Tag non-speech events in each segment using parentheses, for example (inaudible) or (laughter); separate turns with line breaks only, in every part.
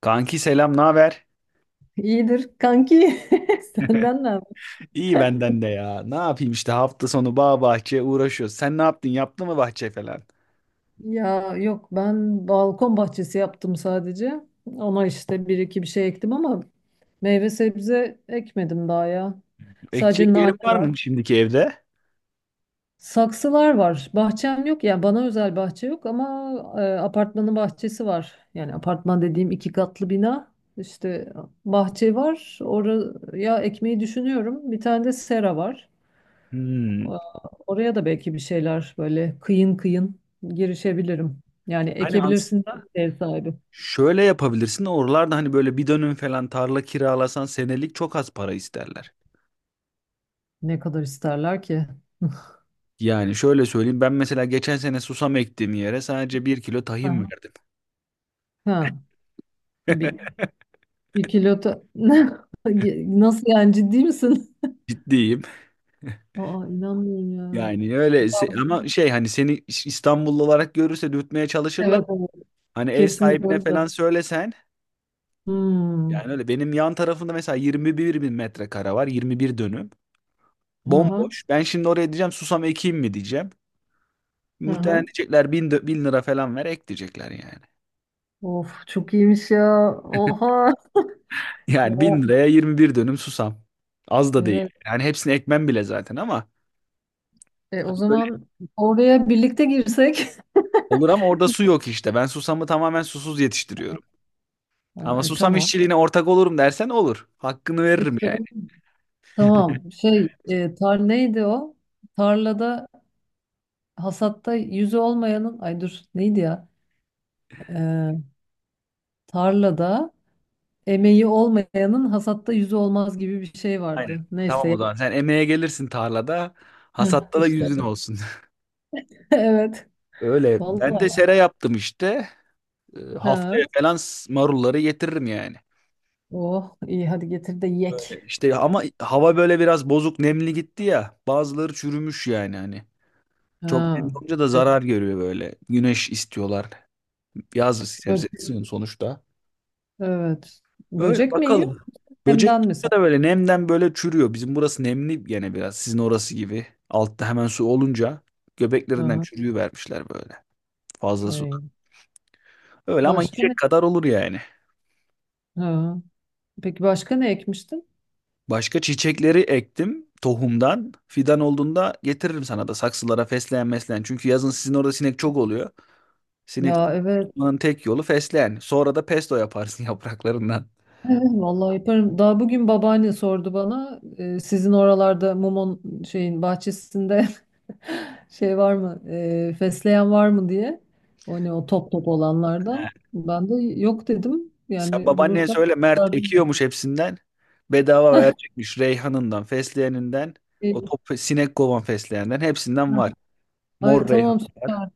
Kanki selam, ne haber?
İyidir kanki. (laughs) Senden ne haber?
İyi benden de ya. Ne yapayım işte hafta sonu bağ bahçe uğraşıyoruz. Sen ne yaptın? Yaptın mı bahçe falan?
Ya yok ben balkon bahçesi yaptım sadece. Ona işte bir iki bir şey ektim ama meyve sebze ekmedim daha ya.
Ekecek
Sadece
yerin
nane
var
var.
mı şimdiki evde?
Saksılar var. Bahçem yok. Yani bana özel bahçe yok ama apartmanın bahçesi var. Yani apartman dediğim iki katlı bina. İşte bahçe var. Oraya ekmeyi düşünüyorum. Bir tane de sera var.
Hmm.
Oraya da belki bir şeyler böyle kıyın kıyın girişebilirim. Yani
Hani
ekebilirsin
aslında
ev sahibi.
şöyle yapabilirsin. Oralarda hani böyle bir dönüm falan tarla kiralasan senelik çok az para isterler.
Ne kadar isterler ki? (laughs)
Yani şöyle söyleyeyim. Ben mesela geçen sene susam ektiğim yere sadece 1 kilo tahin
Aha.
verdim.
Ha, bir,
(laughs)
bir kilo ta- (laughs) Nasıl yani ciddi misin?
Ciddiyim.
Aa inanmıyorum
Yani öyle
ya.
ama şey hani seni İstanbullu olarak görürse dürtmeye çalışırlar.
Evet, evet.
Hani ev
Kesin
sahibine
öyle.
falan söylesen.
Hmm.
Yani öyle benim yan tarafımda mesela 21 bin metrekare var. 21 dönüm.
Aha,
Bomboş. Ben şimdi oraya diyeceğim susam ekeyim mi diyeceğim. Muhtemelen
aha.
diyecekler bin lira falan ver ek diyecekler yani. (laughs)
Of çok iyiymiş ya. Oha.
Yani bin
Ya
liraya 21 dönüm susam. Az da değil.
evet.
Yani hepsini ekmem bile zaten ama
O
hani böyle
zaman oraya birlikte girsek. (laughs)
olur, ama orada su yok işte. Ben susamı tamamen susuz yetiştiriyorum. Ama
Ha,
susam
tamam.
işçiliğine ortak olurum dersen olur. Hakkını veririm
İşte
yani.
tamam. Şey, tar neydi o? Tarlada hasatta yüzü olmayanın ay dur neydi ya? E, Tarlada emeği olmayanın hasatta yüzü olmaz gibi bir şey
Aynen.
vardı.
Tamam, o
Neyse.
zaman sen emeğe gelirsin tarlada.
Hı,
Hasatta da
işte.
yüzün
(laughs)
olsun.
Evet.
(laughs) Öyle. Ben
Vallahi.
de sera yaptım işte. E,
Ha.
haftaya falan marulları getiririm yani.
Oh iyi hadi getir de yek.
E, İşte ama hava böyle biraz bozuk nemli gitti ya. Bazıları çürümüş yani hani. Çok nemli
Ha.
olunca da zarar görüyor böyle. Güneş istiyorlar. Yaz
Bö-
sebzesi sonuçta.
Evet.
Öyle
Böcek mi yiyor?
bakalım. Böcek
Hemden mi sen?
de böyle nemden böyle çürüyor. Bizim burası nemli gene biraz. Sizin orası gibi. Altta hemen su olunca göbeklerinden
Aha.
çürüyü vermişler böyle. Fazla su.
Ey.
Öyle ama
Başka ne?
yiyecek kadar olur yani.
Ha. Peki başka ne ekmiştin?
Başka çiçekleri ektim tohumdan. Fidan olduğunda getiririm sana da saksılara fesleğen mesleğen. Çünkü yazın sizin orada sinek çok oluyor. Sinek
Ya evet.
tutmanın tek yolu fesleğen. Sonra da pesto yaparsın (laughs) yapraklarından.
Evet, vallahi yaparım. Daha bugün babaanne sordu bana. Sizin oralarda mumon şeyin bahçesinde (laughs) şey var mı? Fesleğen var mı diye. O ne, o top top olanlardan.
He.
Ben de yok dedim.
Sen
Yani
babaanneye
bulursam
söyle Mert
sardım.
ekiyormuş hepsinden. Bedava
(laughs)
verecekmiş reyhanından, fesleğeninden,
E,
o top sinek kovan fesleğenden hepsinden
ha,
var.
Ay
Mor reyhan.
tamam süper.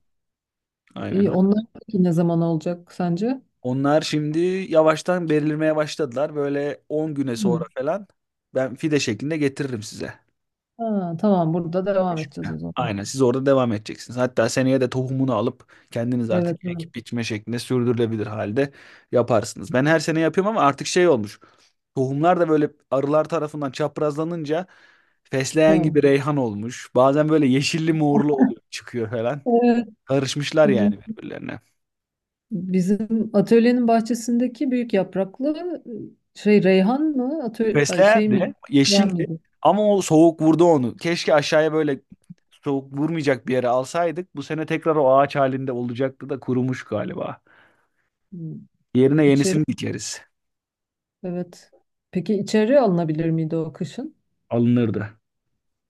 Aynen
İyi
öyle.
onlar peki ne zaman olacak sence?
Onlar şimdi yavaştan belirmeye başladılar. Böyle 10 güne sonra
Hı.
falan ben fide şeklinde getiririm size.
Ha, tamam burada devam
Beş
edeceğiz
güne.
o zaman.
Aynen, siz orada devam edeceksiniz. Hatta seneye de tohumunu alıp kendiniz artık
Evet, evet.
ekip biçme şeklinde sürdürülebilir halde yaparsınız. Ben her sene yapıyorum ama artık şey olmuş. Tohumlar da böyle arılar tarafından çaprazlanınca fesleğen
Evet.
gibi reyhan olmuş. Bazen böyle yeşilli morlu oluyor çıkıyor falan.
Evet.
Karışmışlar yani birbirlerine.
Bizim atölyenin bahçesindeki büyük yapraklı şey reyhan mı? Atölye, ay, şey
Fesleğen
mi?
de
Yen
yeşildi
miydi?
ama o soğuk vurdu onu. Keşke aşağıya böyle soğuk vurmayacak bir yere alsaydık. Bu sene tekrar o ağaç halinde olacaktı da kurumuş galiba.
Hmm,
Yerine
İçeri.
yenisini dikeriz.
Evet. Peki içeri alınabilir miydi o kışın?
Alınırdı.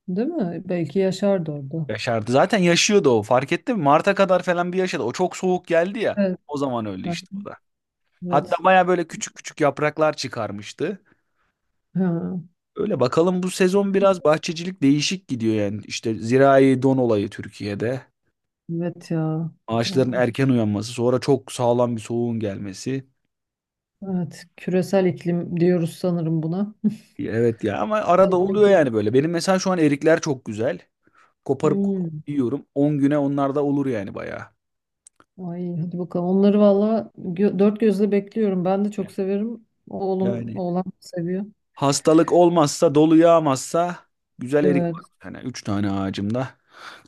Değil mi? Belki yaşardı orada.
Yaşardı. Zaten yaşıyordu o. Fark ettin mi? Mart'a kadar falan bir yaşadı. O çok soğuk geldi ya.
Evet.
O zaman öyle
Ha,
işte, o da.
evet.
Hatta baya böyle küçük küçük yapraklar çıkarmıştı.
Ha,
Öyle bakalım, bu sezon biraz bahçecilik değişik gidiyor yani. İşte zirai don olayı Türkiye'de.
evet ya.
Ağaçların
Oh,
erken uyanması, sonra çok sağlam bir soğuğun gelmesi.
evet. Küresel iklim diyoruz sanırım buna.
Evet ya, ama
(laughs)
arada oluyor
Tabii.
yani böyle. Benim mesela şu an erikler çok güzel. Koparıp koparıp
Hmm.
yiyorum. 10 güne onlar da olur yani bayağı.
Ay hadi bakalım. Onları valla gö- dört gözle bekliyorum. Ben de çok severim. Oğlum,
Yani
oğlan seviyor.
hastalık olmazsa, dolu yağmazsa güzel erik var.
Evet.
Yani 3 tane ağacımda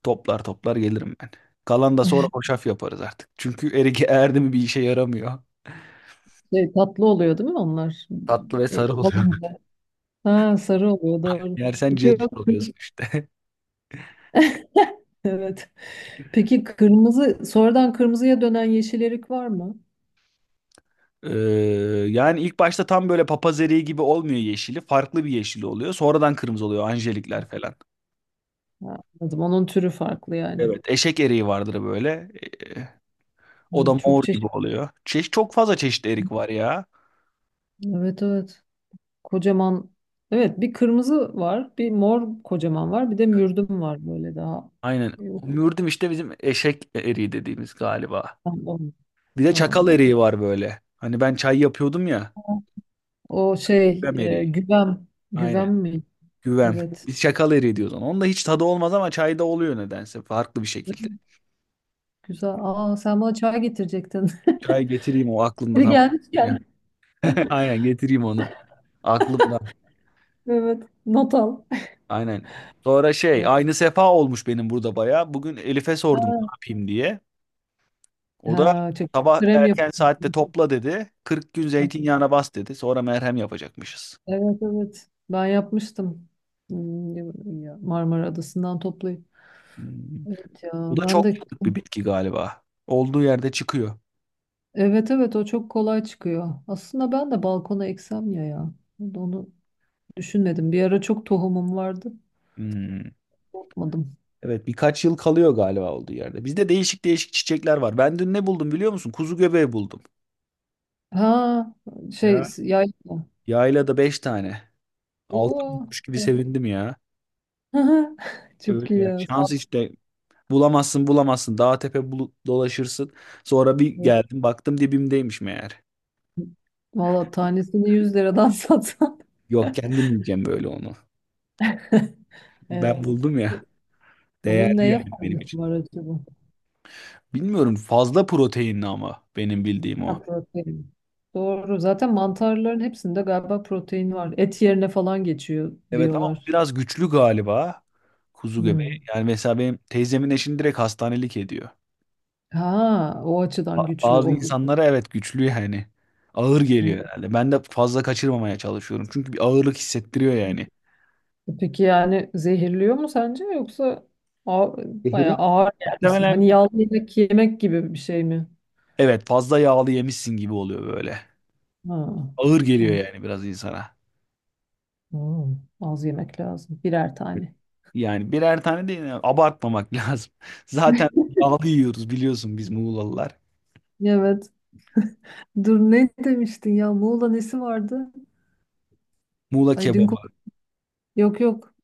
toplar toplar gelirim ben. Kalan da sonra hoşaf yaparız artık. Çünkü erik (laughs) erdi mi bir işe yaramıyor.
Şey, tatlı oluyor değil mi onlar?
Tatlı ve sarı oluyor.
Alınca. Ha, sarı oluyor
(laughs)
doğru.
Yersen
Peki,
cırcır
yok.
oluyorsun
(laughs)
işte. (laughs)
Evet. Peki kırmızı, sonradan kırmızıya dönen yeşil erik var mı?
Ee, yani ilk başta tam böyle papaz eriği gibi olmuyor yeşili. Farklı bir yeşili oluyor. Sonradan kırmızı oluyor. Anjelikler falan.
Ha, anladım. Onun türü farklı yani.
Evet, eşek eriği vardır böyle. Ee, o da
Ay, çok
mor gibi
çeşitli.
oluyor. Çok fazla çeşit erik var ya.
Evet, evet. Kocaman. Evet bir kırmızı var. Bir mor kocaman var. Bir de mürdüm var böyle daha.
Aynen.
Yok.
Mürdüm işte bizim eşek eriği dediğimiz galiba.
Tamam.
Bir de çakal
Aa,
eriği var böyle. Hani ben çay yapıyordum ya.
o şey
Güvem eriği.
güvem. Güvem
Aynen.
mi?
Güvem.
Evet.
Biz çakal eriği diyoruz ona. Onda hiç tadı olmaz ama çayda oluyor nedense. Farklı bir şekilde.
Güzel. Aa, sen bana çay getirecektin. (laughs)
Çay getireyim, o aklımda,
Biri
tamam.
gelmişken
(laughs) Aynen, getireyim onu. Aklımda.
evet not al.
Aynen. Sonra şey
Ya.
aynı sefa olmuş benim burada baya. Bugün Elif'e sordum ne yapayım diye. O da
Ha, çok
sabah
krem
erken saatte
yapıyorsun.
topla dedi. 40 gün zeytinyağına bas dedi. Sonra merhem yapacakmışız.
Evet evet ben yapmıştım. Hmm, ya, Marmara Adası'ndan toplayıp.
Hmm.
Evet ya
Bu da
ben
çok
de
yıllık bir bitki galiba. Olduğu yerde çıkıyor.
evet evet o çok kolay çıkıyor. Aslında ben de balkona eksem ya ya. Onu düşünmedim. Bir ara çok tohumum vardı.
Hmm.
Yapmadım.
Evet, birkaç yıl kalıyor galiba olduğu yerde. Bizde değişik değişik çiçekler var. Ben dün ne buldum biliyor musun? Kuzu göbeği buldum.
Ha şey
Ya.
yayla.
Yaylada 5 tane. 6
Oo.
bulmuş gibi sevindim ya.
(laughs)
Öyle
Çok iyi
ya.
ya.
Şans işte. Bulamazsın bulamazsın. Dağ tepe dolaşırsın. Sonra bir geldim baktım dibimdeymiş meğer.
Valla tanesini 100 liradan (laughs) satsan.
Yok, kendim yiyeceğim böyle onu. Ben
Evet.
buldum ya.
Onun
Değerli
neye
yani benim
faydası
için.
var acaba?
Bilmiyorum, fazla proteinli ama benim bildiğim
Ha,
o.
protein. Doğru. Zaten mantarların hepsinde galiba protein var. Et yerine falan geçiyor
Evet ama
diyorlar.
biraz güçlü galiba kuzu göbeği.
Hmm.
Yani mesela benim teyzemin eşini direkt hastanelik ediyor.
Ha, o açıdan güçlü.
Bazı
O.
insanlara evet güçlü yani. Ağır
o-
geliyor herhalde. Ben de fazla kaçırmamaya çalışıyorum. Çünkü bir ağırlık hissettiriyor yani.
Peki yani zehirliyor mu sence yoksa ağ- bayağı
Zehirler.
ağır gelmesin? Hani
Muhtemelen
yağlı yemek yemek gibi bir şey mi?
evet, fazla yağlı yemişsin gibi oluyor böyle.
Ha.
Ağır geliyor
An-
yani biraz insana.
Hmm. Az yemek lazım. Birer tane.
Yani birer tane değil yani, abartmamak (laughs) lazım. Zaten yağlı yiyoruz biliyorsun biz Muğlalılar.
Evet. Dur ne demiştin ya? Muğla nesi vardı?
Muğla
Ay dün konu-
kebabı,
yok yok.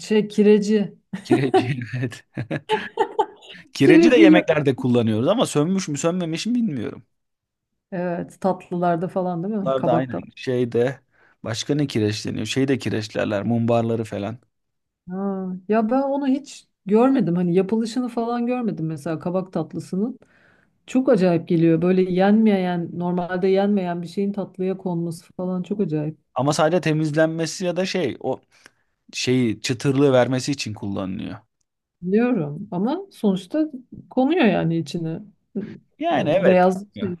Şey kireci.
kireci (laughs) evet. Kireci de
Kireciyle.
yemeklerde kullanıyoruz ama sönmüş mü sönmemiş mi bilmiyorum.
Evet tatlılarda falan değil mi?
Bunlar da
Kabak
aynen
tatlı.
şeyde başka ne kireç deniyor? Şey de kireçlerler, mumbarları falan.
Ha, ya ben onu hiç görmedim. Hani yapılışını falan görmedim mesela kabak tatlısının. Çok acayip geliyor. Böyle yenmeyen, normalde yenmeyen bir şeyin tatlıya konması falan çok acayip.
Ama sadece temizlenmesi ya da şey o şeyi çıtırlığı vermesi için kullanılıyor.
Biliyorum ama sonuçta konuyor yani içine.
Yani
O
evet.
beyaz şey,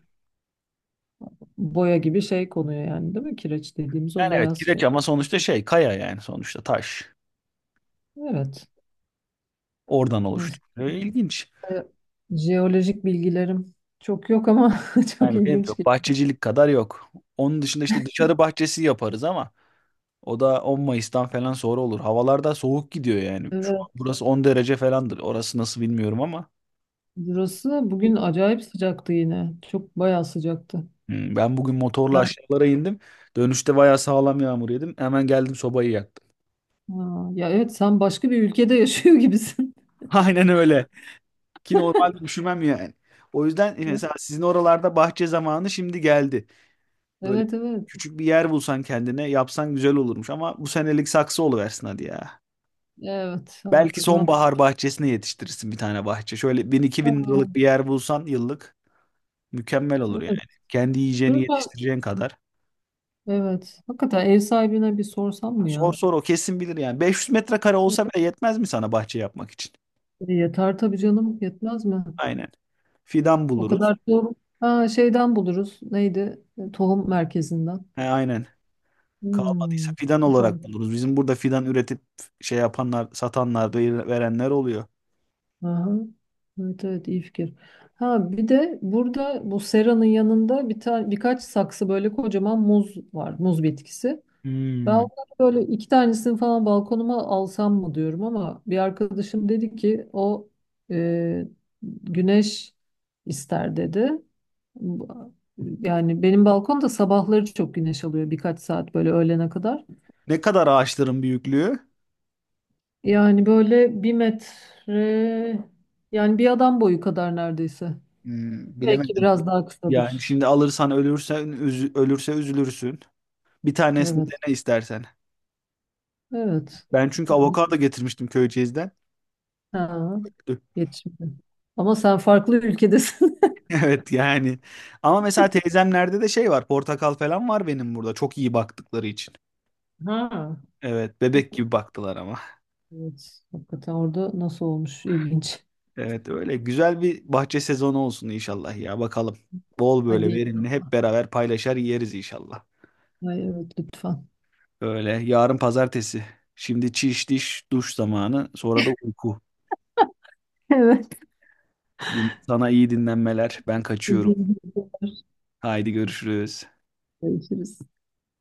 boya gibi şey konuyor yani değil mi? Kireç dediğimiz o
Yani evet
beyaz
kireç,
şey.
ama sonuçta şey kaya yani, sonuçta taş.
Evet.
Oradan oluştu.
Neyse,
Böyle İlginç.
jeolojik bilgilerim çok yok ama (laughs) çok
Yani benim de
ilginç
yok.
geliyor.
Bahçecilik kadar yok. Onun dışında işte dışarı bahçesi yaparız ama o da 10 Mayıs'tan falan sonra olur. Havalarda soğuk gidiyor yani. Şu an
Evet.
burası 10 derece falandır. Orası nasıl bilmiyorum ama.
Burası bugün acayip sıcaktı yine. Çok bayağı sıcaktı.
Ben bugün motorla
Ben,
aşağılara indim. Dönüşte bayağı sağlam yağmur yedim. Hemen geldim sobayı yaktım.
ha, ya evet sen başka bir ülkede yaşıyor gibisin.
(laughs) Aynen öyle. Ki normalde üşümem yani. O yüzden mesela
(laughs)
sizin oralarda bahçe zamanı şimdi geldi. Böyle
Evet, evet.
küçük bir yer bulsan kendine yapsan güzel olurmuş. Ama bu senelik saksı oluversin hadi ya.
Evet, evet,
Belki
artık ne yapayım?
sonbahar bahçesine yetiştirirsin bir tane bahçe. Şöyle bin iki bin liralık bir
Ha,
yer bulsan yıllık. Mükemmel olur
evet.
yani. Kendi yiyeceğini
Dur ben.
yetiştireceğin kadar.
Evet. Hakikaten ev sahibine bir sorsam mı
Sor
ya?
sor, o kesin bilir yani. 500 metrekare olsa bile yetmez mi sana bahçe yapmak için?
Yeter tabii canım. Yetmez mi?
Aynen. Fidan
O
buluruz.
kadar tohum. Ha, şeyden buluruz. Neydi? Tohum merkezinden.
He, aynen. Kalmadıysa
Hmm.
fidan
Süper.
olarak buluruz. Bizim burada fidan üretip şey yapanlar, satanlar, verenler oluyor.
Aha. Evet evet iyi fikir. Ha bir de burada bu seranın yanında bir tane birkaç saksı böyle kocaman muz var. Muz bitkisi. Ben
Hmm.
onları böyle iki tanesini falan balkonuma alsam mı diyorum ama bir arkadaşım dedi ki o e, güneş ister dedi. Bu- Yani benim balkon da sabahları çok güneş alıyor birkaç saat böyle öğlene kadar.
Ne kadar ağaçların büyüklüğü?
Yani böyle 1 metre, yani bir adam boyu kadar neredeyse.
Hmm,
Belki
bilemedim.
biraz daha
Yani
kısadır.
şimdi alırsan ölürse üzülürsün. Bir tanesini
Evet.
dene istersen.
Evet.
Ben
Bir
çünkü
tane.
avokado getirmiştim Köyceğiz'den.
Ha. Yetişmedi. Ama sen farklı ülkedesin.
Evet yani. Ama mesela teyzemlerde de şey var. Portakal falan var benim burada. Çok iyi baktıkları için.
(laughs) Ha.
Evet, bebek gibi baktılar ama.
Evet. Hakikaten orada nasıl olmuş? İlginç.
Evet, öyle güzel bir bahçe sezonu olsun inşallah ya, bakalım. Bol böyle
Hadi.
verimli hep beraber paylaşar yeriz inşallah.
Ay, evet lütfen.
Öyle, yarın pazartesi. Şimdi çiş diş duş zamanı, sonra da uyku.
(laughs) Evet.
Sana iyi dinlenmeler. Ben kaçıyorum. Haydi görüşürüz.
Görüşürüz.